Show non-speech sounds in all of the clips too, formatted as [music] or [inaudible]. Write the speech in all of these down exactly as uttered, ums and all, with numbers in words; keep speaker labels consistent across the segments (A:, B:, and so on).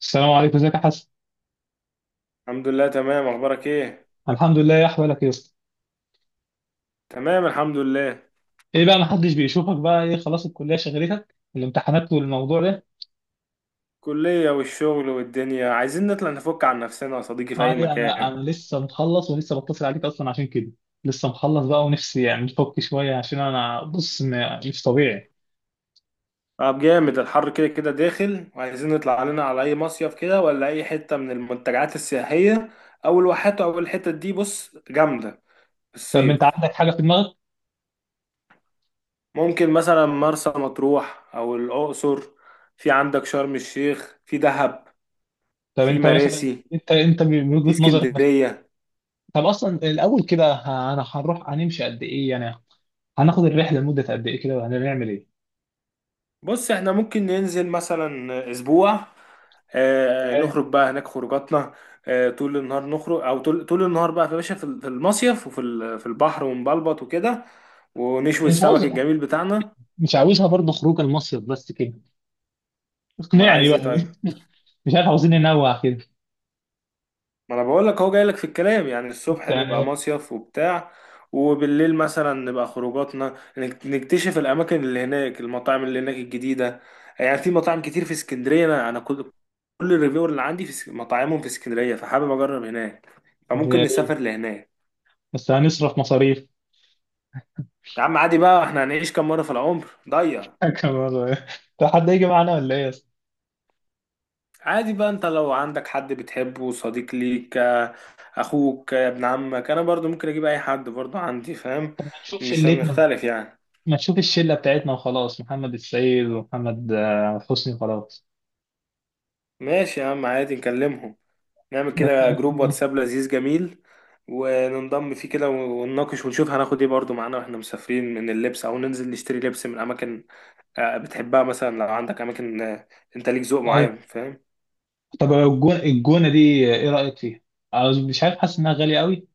A: السلام عليكم، ازيك يا حسن؟
B: الحمد لله تمام. اخبارك ايه؟
A: الحمد لله، يا احوالك يا اسطى؟
B: تمام الحمد لله.
A: ايه بقى محدش بيشوفك بقى؟ ايه خلاص الكليه شغلتك الامتحانات والموضوع ده؟
B: كلية والشغل والدنيا، عايزين نطلع نفك عن نفسنا يا صديقي في اي
A: عادي، انا
B: مكان.
A: انا لسه مخلص ولسه بتصل عليك اصلا عشان كده. لسه مخلص بقى ونفسي يعني نفك شويه، عشان انا بص م- مش طبيعي.
B: طب جامد، الحر كده كده داخل وعايزين نطلع علينا على اي مصيف كده ولا اي حتة من المنتجعات السياحية او الواحات او الحتة دي بص جامدة في
A: طب انت
B: الصيف.
A: عندك حاجه في دماغك؟
B: ممكن مثلا مرسى مطروح او الاقصر، في عندك شرم الشيخ، في دهب،
A: طب
B: في
A: انت مثلا،
B: مراسي،
A: انت انت من
B: في
A: وجهه نظرك مثلا؟
B: اسكندرية.
A: طب اصلا الاول كده ه- انا هنروح هنمشي قد ايه يعني؟ هناخد الرحله لمده قد ايه كده وهنعمل ايه؟
B: بص احنا ممكن ننزل مثلا اسبوع، آه،
A: تمام.
B: نخرج بقى هناك خروجاتنا. آه، طول النهار نخرج، او طول طول النهار بقى في باشا، في في المصيف وفي ال- في البحر ونبلبط وكده، ونشوي
A: انا مش عاوز.
B: السمك الجميل بتاعنا.
A: مش عاوزها برضه خروج المصيف بس كده.
B: امال
A: اقنعني
B: عايز ايه
A: بقى.
B: طيب؟
A: [laughs] مش عارف، عاوزين ننوع كده.
B: ما انا بقول لك هو جاي لك في الكلام، يعني الصبح نبقى
A: تمام.
B: مصيف وبتاع، وبالليل مثلا نبقى خروجاتنا نك- نكتشف الاماكن اللي هناك، المطاعم اللي هناك الجديده. يعني في مطاعم كتير في اسكندريه، انا أنا كل كل الريفيور اللي عندي في اس- مطاعمهم في اسكندريه، فحابب اجرب هناك، فممكن
A: يا ريت.
B: نسافر لهناك.
A: بس هنصرف مصاريف.
B: يا عم عادي بقى، احنا هنعيش كام مره في العمر؟ ضيع.
A: [laughs] كمان. طب حد هيجي معانا ولا ايه اصلا؟
B: عادي بقى، انت لو عندك حد بتحبه صديق ليك آه، اخوك، آه، ابن عمك، انا برضو ممكن اجيب اي حد برضو عندي، فاهم؟
A: طب ما نشوف
B: مش
A: شلتنا.
B: هنختلف يعني.
A: ما نشوف الشله بتاعتنا وخلاص، محمد السيد ومحمد آه، حسني وخلاص.
B: ماشي يا عم، عادي نكلمهم. نعمل كده جروب
A: يعني-
B: واتساب لذيذ جميل، وننضم فيه كده ونناقش ونشوف هناخد ايه برضو معانا واحنا مسافرين من اللبس، او ننزل نشتري لبس من اماكن آه، بتحبها. مثلا لو عندك اماكن، آه، انت ليك ذوق
A: ايوه.
B: معين، فاهم.
A: طب الجون، الجونه دي ايه رايك فيها؟ عاوز- مش عارف، حاسس انها غاليه قوي.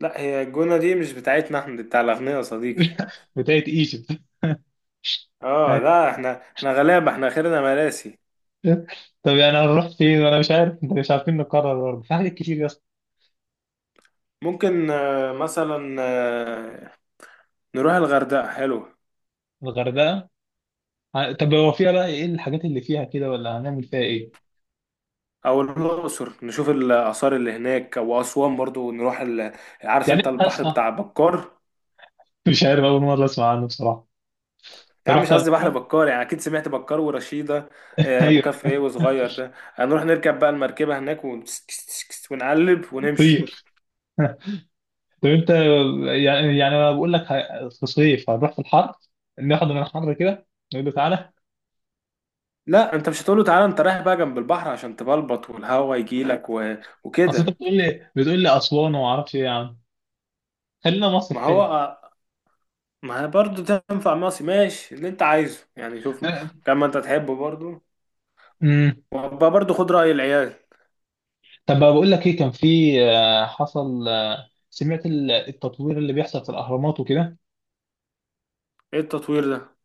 B: لا، هي الجونة دي مش بتاعتنا احنا، دي بتاع الاغنياء يا صديقي.
A: [laughs] بتاعت ايجيبت. [laughs]
B: اه لا، احنا احنا غلابة، احنا خيرنا مراسي.
A: طب يعني هنروح فين؟ وانا مش عارف، انت مش عارفين نقرر برضه، في حاجات كتير يا اسطى.
B: ممكن آه، مثلا آه، نروح الغردقة، حلو.
A: الغردقه؟ ه- طب هو فيها بقى ايه الحاجات اللي فيها كده، ولا هنعمل فيها ايه؟
B: او الاقصر نشوف الاثار اللي هناك، او اسوان برضو نروح ال... عارف انت
A: يعني
B: البحر
A: هسمع،
B: بتاع بكار؟
A: مش عارف، اول مرة اسمع عنه بصراحة.
B: يا
A: انت
B: عم
A: رحت
B: مش قصدي
A: قبل
B: بحر
A: كده؟
B: بكار، يعني اكيد سمعت بكار ورشيده.
A: [laughs]
B: آه، ابو
A: ايوه.
B: كفر ايه وصغير ده، هنروح نركب بقى المركبه هناك ون... ونقلب ونمشي.
A: طير. طب انت، يعني يعني انا بقول لك ه- في صيف هنروح في الحر، ناخد من الحر كده، نقول له تعالى.
B: لا انت مش هتقول له تعالى، انت رايح بقى جنب البحر عشان تبلبط والهوا يجيلك و...
A: اصل انت
B: وكده.
A: بتقول لي بتقول لي اسوان وما اعرفش ايه يا عم. خلينا مصيف
B: ما هو،
A: حلو.
B: ما هي برضه تنفع مصي، ماشي اللي انت عايزه يعني، شوف كما انت تحبه برضه.
A: امم.
B: وبقى برضه خد رأي العيال.
A: طب بقى بقول لك ايه، كان في آه، حصل آه، سمعت ال- التطوير اللي بيحصل في الاهرامات وكده.
B: ايه التطوير ده؟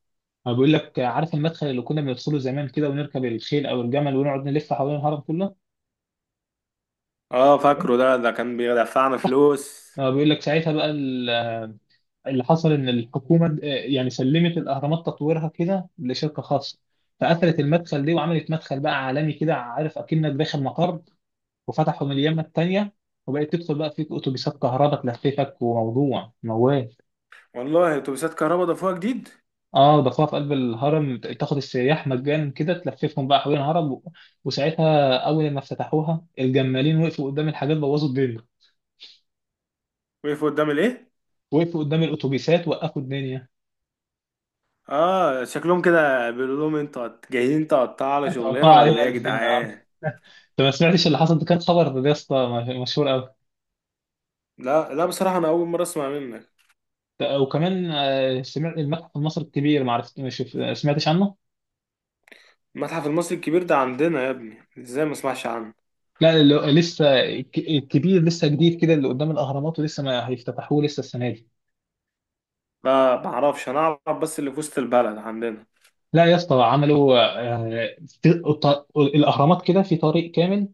A: أنا بقول لك، عارف المدخل اللي كنا بندخله زمان كده، ونركب الخيل أو الجمل ونقعد نلف حوالين الهرم كله؟
B: اه فاكره، ده ده كان بيدفعنا فلوس.
A: أنا بيقول لك ساعتها بقى ال- اللي حصل إن الحكومة آه، يعني سلمت الأهرامات تطويرها كده لشركة خاصة. فقفلت المدخل دي وعملت مدخل بقى عالمي كده، عارف، أكنك داخل مقر. وفتحوا من اليمة التانية، وبقت تدخل بقى فيك أتوبيسات كهرباء تلففك وموضوع موال.
B: والله اتوبيسات كهرباء ضافوها جديد!
A: اه ضافوها في قلب الهرم، ت- تاخد السياح مجانا كده، تلففهم بقى حوالين الهرم و-. وساعتها اول ما افتتحوها الجمالين وقفوا قدام الحاجات، بوظوا الدنيا.
B: وقفوا قدام الايه؟
A: وقفوا قدام الاتوبيسات، وقفوا الدنيا.
B: اه شكلهم كده بيقولوا لهم انتوا هت- جايين تقطعوا على
A: اتقطعوا
B: شغلنا ولا
A: علينا
B: ايه يا
A: الاثنين. اه
B: جدعان.
A: انت [laughs] ما سمعتش اللي حصل ده؟ كان خبر يا اسطى م- مشهور قوي.
B: لا لا، بصراحه انا اول مره اسمع منك.
A: وكمان آه، سمعت المتحف المصري الكبير؟ ما عرفت، ما شف- آه، سمعتش عنه؟
B: المتحف المصري الكبير ده عندنا يا ابني، ازاي ما اسمعش عنه؟
A: لا، اللي هو لسه الك- الكبير لسه جديد كده، اللي قدام الاهرامات، ولسه ما هيفتتحوه لسه السنه دي.
B: لا ما اعرفش، انا اعرف بس اللي في وسط البلد عندنا.
A: لا يا اسطى، عملوا آه، في الط- الاهرامات كده في طريق كامل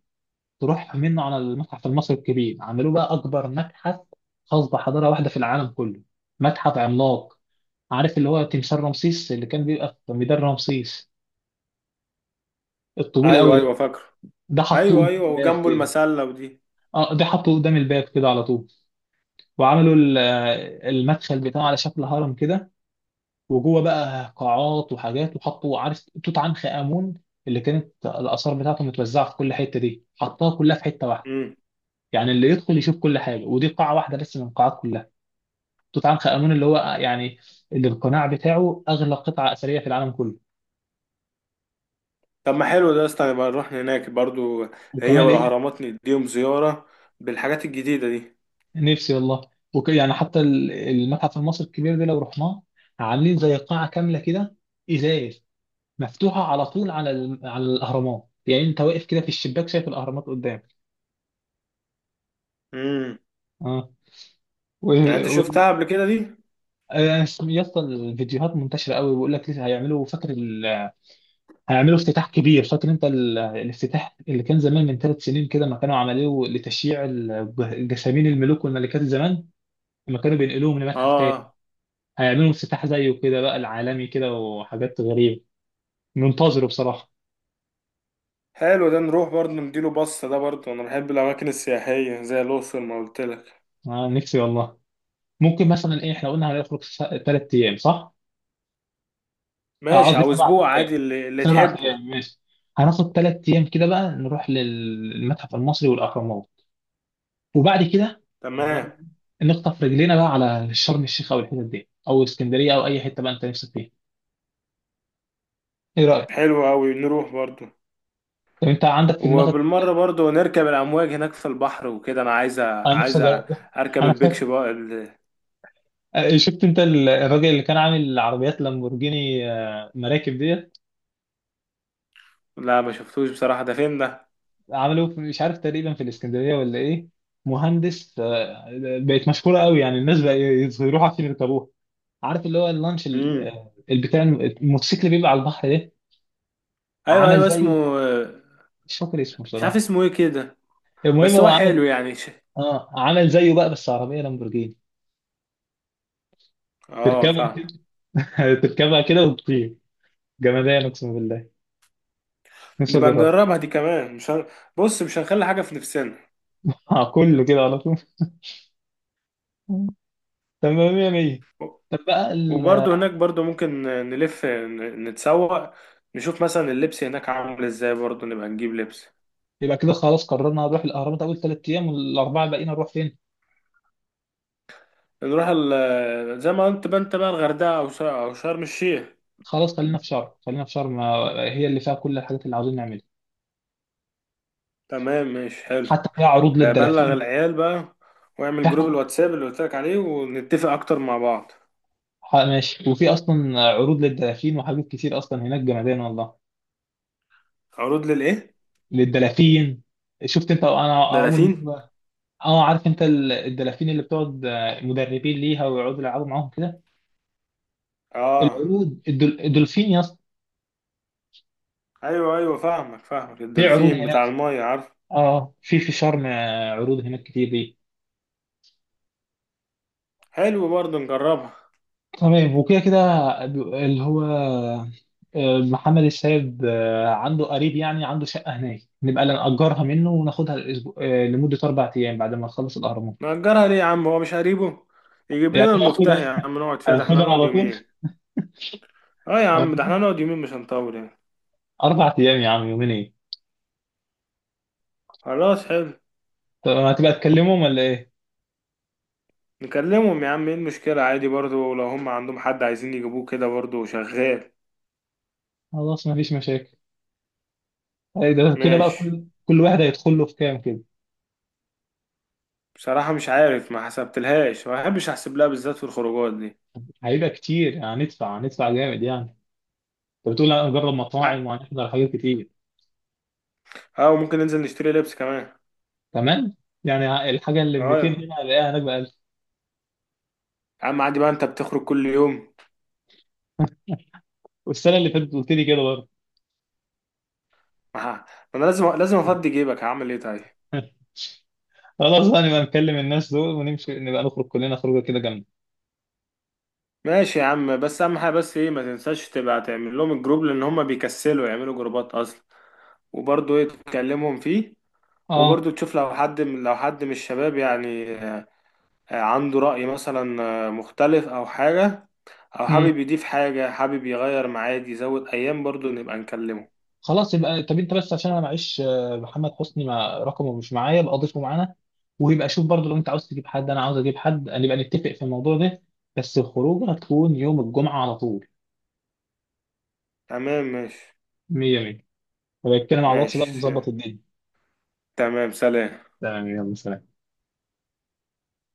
A: تروح منه على المتحف المصري الكبير. عملوه بقى اكبر متحف خاص بحضاره واحده في العالم كله. متحف عملاق. عارف اللي هو تمثال رمسيس اللي كان بيبقى في ميدان رمسيس، الطويل
B: ايوه
A: قوي
B: ايوه
A: ده؟
B: فاكره.
A: ده حطوه
B: ايوه
A: قدام
B: ايوه،
A: الباب
B: وجنبه
A: كده.
B: المسله ودي.
A: اه ده حطوه قدام الباب كده على طول. وعملوا ال- آه، المدخل بتاعه على شكل هرم كده. وجوه بقى قاعات وحاجات، وحطوا، عارف، توت عنخ آمون اللي كانت الآثار بتاعته متوزعة في كل حتة، دي حطها كلها في حتة واحدة.
B: امم.
A: يعني اللي يدخل يشوف كل حاجة، ودي قاعة واحدة بس من القاعات كلها. توت عنخ آمون اللي هو يعني، اللي القناع بتاعه أغلى قطعة أثرية في العالم كله.
B: طب ما حلو ده يا اسطى، نبقى نروح هناك برضو. هي
A: وكمان إيه.
B: والاهرامات نديهم زياره بالحاجات الجديده دي.
A: نفسي والله. وك يعني حتى ال- المتحف المصري الكبير ده لو رحناه، عاملين زي قاعة كاملة كده، إزاز، مفتوحة على طول على ال- على الأهرامات، يعني أنت واقف كده في الشباك، شايف الأهرامات قدامك.
B: امم. يعني انت
A: اه.
B: شفتها قبل كده دي؟
A: آه، يا اسطى، الفيديوهات منتشره قوي، بيقول لك لسه هيعملوا، فاكر ال... هيعملوا افتتاح كبير. فاكر انت ال... الافتتاح اللي كان زمان من ثلاث سنين كده، ما كانوا عملوه لتشييع الج- جسامين الملوك والملكات زمان لما كانوا بينقلوهم لمتحف تاني؟
B: اه
A: هيعملوا افتتاح زيه كده بقى العالمي كده، وحاجات غريبه منتظره بصراحه.
B: حلو ده، نروح برضه نديله بصة، ده برضه انا بحب الاماكن السياحية زي الاقصر ما قلت لك.
A: آه نفسي والله. ممكن مثلا ايه، احنا قلنا هنخرج ثلاث ايام صح؟ آه،
B: ماشي،
A: قصدي
B: او
A: سبع
B: اسبوع، عادي
A: ايام.
B: اللي, اللي
A: سبع
B: تحبه.
A: ايام ماشي. هناخد ثلاث ايام كده بقى، نروح للمتحف المصري والاهرامات، وبعد كده آه،
B: تمام.
A: نخطف رجلينا بقى على شرم الشيخ او الحتت دي، او اسكندريه، او اي حته بقى انت نفسك فيها. ايه رايك؟
B: حلو اوي، نروح برضه.
A: طب انت عندك في دماغك؟
B: وبالمرة برضه نركب الامواج هناك في البحر وكده، انا عايز أ-
A: انا نفسي
B: عايز أ-
A: أجرب. [laughs]
B: اركب
A: انا خايف.
B: البيكش بقى ال-
A: آه، شفت انت ال- الراجل اللي كان عامل عربيات لامبورجيني آه، مراكب ديت؟
B: لا ما شفتوش بصراحة، ده فين ده؟
A: عملوه في- مش عارف، تقريبا في الاسكندريه ولا ايه. مهندس. آه، بقت مشهوره قوي يعني، الناس بقى يروحوا عشان يركبوها. عارف اللي هو اللانش ال-
B: امم.
A: آه، البتاع الم- الموتوسيكل اللي بيبقى على البحر ده؟
B: ايوه
A: عمل
B: ايوه اسمه.
A: زيه. مش فاكر اسمه
B: مش عارف
A: بصراحه.
B: اسمه ايه كده.
A: المهم
B: بس
A: هو
B: هو حلو
A: عمل،
B: يعني ش...
A: اه عامل زيه بقى بس عربيه لامبورجيني.
B: اه
A: تركبها
B: فاهم.
A: كده. [laughs] تركبها كده وتطير. جمدان، اقسم بالله. نفسي
B: نبقى
A: اجربها.
B: نجربها دي كمان، مش هن... بص مش هنخلي حاجة في نفسنا.
A: آه، كله كده على طول. [laughs] تمام يا مية. طب بقى ال...
B: وبرضه هناك برضه ممكن نلف ن- نتسوق، نشوف مثلا اللبس هناك عامل ازاي، برضه نبقى نجيب لبس.
A: يبقى كده خلاص، قررنا نروح الاهرامات اول ثلاث ايام، والاربعه الباقيين نروح فين؟
B: نروح ال... زي ما انت بقى، انت بقى الغردقة او ش- او شرم الشيخ.
A: خلاص خلينا في شرم. خلينا في شرم، آه، هي اللي فيها كل الحاجات اللي عاوزين نعملها.
B: تمام، ماشي، حلو.
A: حتى فيها عروض
B: آه، بلغ
A: للدلافين.
B: العيال بقى، واعمل
A: في
B: جروب
A: حق...
B: الواتساب اللي قلت لك عليه، ونتفق اكتر مع بعض.
A: حق- ماشي، وفي اصلا عروض للدلافين وحاجات كتير اصلا هناك، جمدان والله.
B: عروض للايه؟
A: للدلافين. شفت انت، انا اول
B: دلافين؟
A: مره. اه عارف انت ال- الدلافين اللي بتقعد، آه، مدربين ليها ويقعدوا يلعبوا معاهم كده؟
B: اه
A: العروض الدل- الدولفين يا اسطى.
B: ايوه ايوه، فاهمك فاهمك
A: في عروض
B: الدولفين
A: هناك.
B: بتاع المايه، عارف.
A: اه في في شرم، آه، عروض هناك كتير دي.
B: حلو برضه نجربها.
A: تمام. وكده كده ب- اللي هو آه، محمد السيد، آه، عنده قريب، يعني عنده شقة هناك، نبقى نأجرها منه وناخدها الأسبوع، آه، لمدة أربع أيام بعد ما نخلص الأهرامات.
B: نأجرها ليه يا عم، هو مش قريبه؟ يجيب
A: يعني
B: لنا المفتاح يا
A: هاخدها.
B: عم، نقعد فيها، ده احنا
A: هاخدها
B: نقعد
A: على طول.
B: يومين. اه يا
A: آه.
B: عم ده احنا نقعد يومين، مش هنطول يعني.
A: أربع أيام يا عم، يومين إيه؟
B: خلاص حلو.
A: طب هتبقى تكلمهم ولا إيه؟
B: نكلمهم يا عم، ايه المشكلة؟ عادي برضو لو هم عندهم حد عايزين يجيبوه كده برضو شغال.
A: خلاص مفيش مشاكل. أي ده كده بقى،
B: ماشي.
A: كل كل واحد هيدخل له في كام كده؟
B: بصراحة مش عارف، ما حسبتلهاش، ما بحبش احسب لها بالذات في الخروجات دي.
A: هيبقى كتير يعني، هندفع هندفع جامد يعني. انت بتقول هنجرب مطاعم
B: ع-
A: وهنحضر حاجات كتير.
B: اه، وممكن ننزل نشتري لبس كمان.
A: كمان. يعني الحاجه اللي
B: اه
A: مئتين
B: يا
A: هنا هلاقيها هناك ب ألف.
B: عم عادي بقى، انت بتخرج كل يوم.
A: والسنه اللي فاتت قلت لي كده برضه.
B: ما ه- ما انا لازم لازم افضي جيبك، هعمل ايه طيب.
A: [laughs] خلاص بقى، نبقى نكلم الناس دول ونمشي، نبقى نخرج كلنا خروجه كده جامده.
B: ماشي يا عم، بس اهم حاجه بس ايه، ما تنساش تبقى تعمل لهم الجروب، لان هم بيكسلوا يعملوا جروبات اصلا، وبرضه ايه تكلمهم فيه.
A: اه.
B: وبرضه تشوف لو حد من، لو حد من الشباب يعني آه، آه، عنده رأي مثلا آه، مختلف او حاجه، او
A: امم.
B: حابب يضيف حاجه، حابب يغير ميعاد يزود ايام، برضه نبقى نكلمه.
A: خلاص يبقى. طب انت بس عشان انا معيش آه، محمد حسني، مع رقمه مش معايا، يبقى اضيفه معانا. ويبقى شوف برضه، لو انت عاوز تجيب حد انا عاوز اجيب حد، نبقى نتفق في الموضوع ده. بس الخروجه هتكون يوم الجمعه على طول.
B: تمام ماشي.
A: مية مية. هبقى اتكلم على الواتس بقى
B: ماشي
A: ونظبط الدنيا.
B: تمام، سلام.
A: تمام، يلا سلام.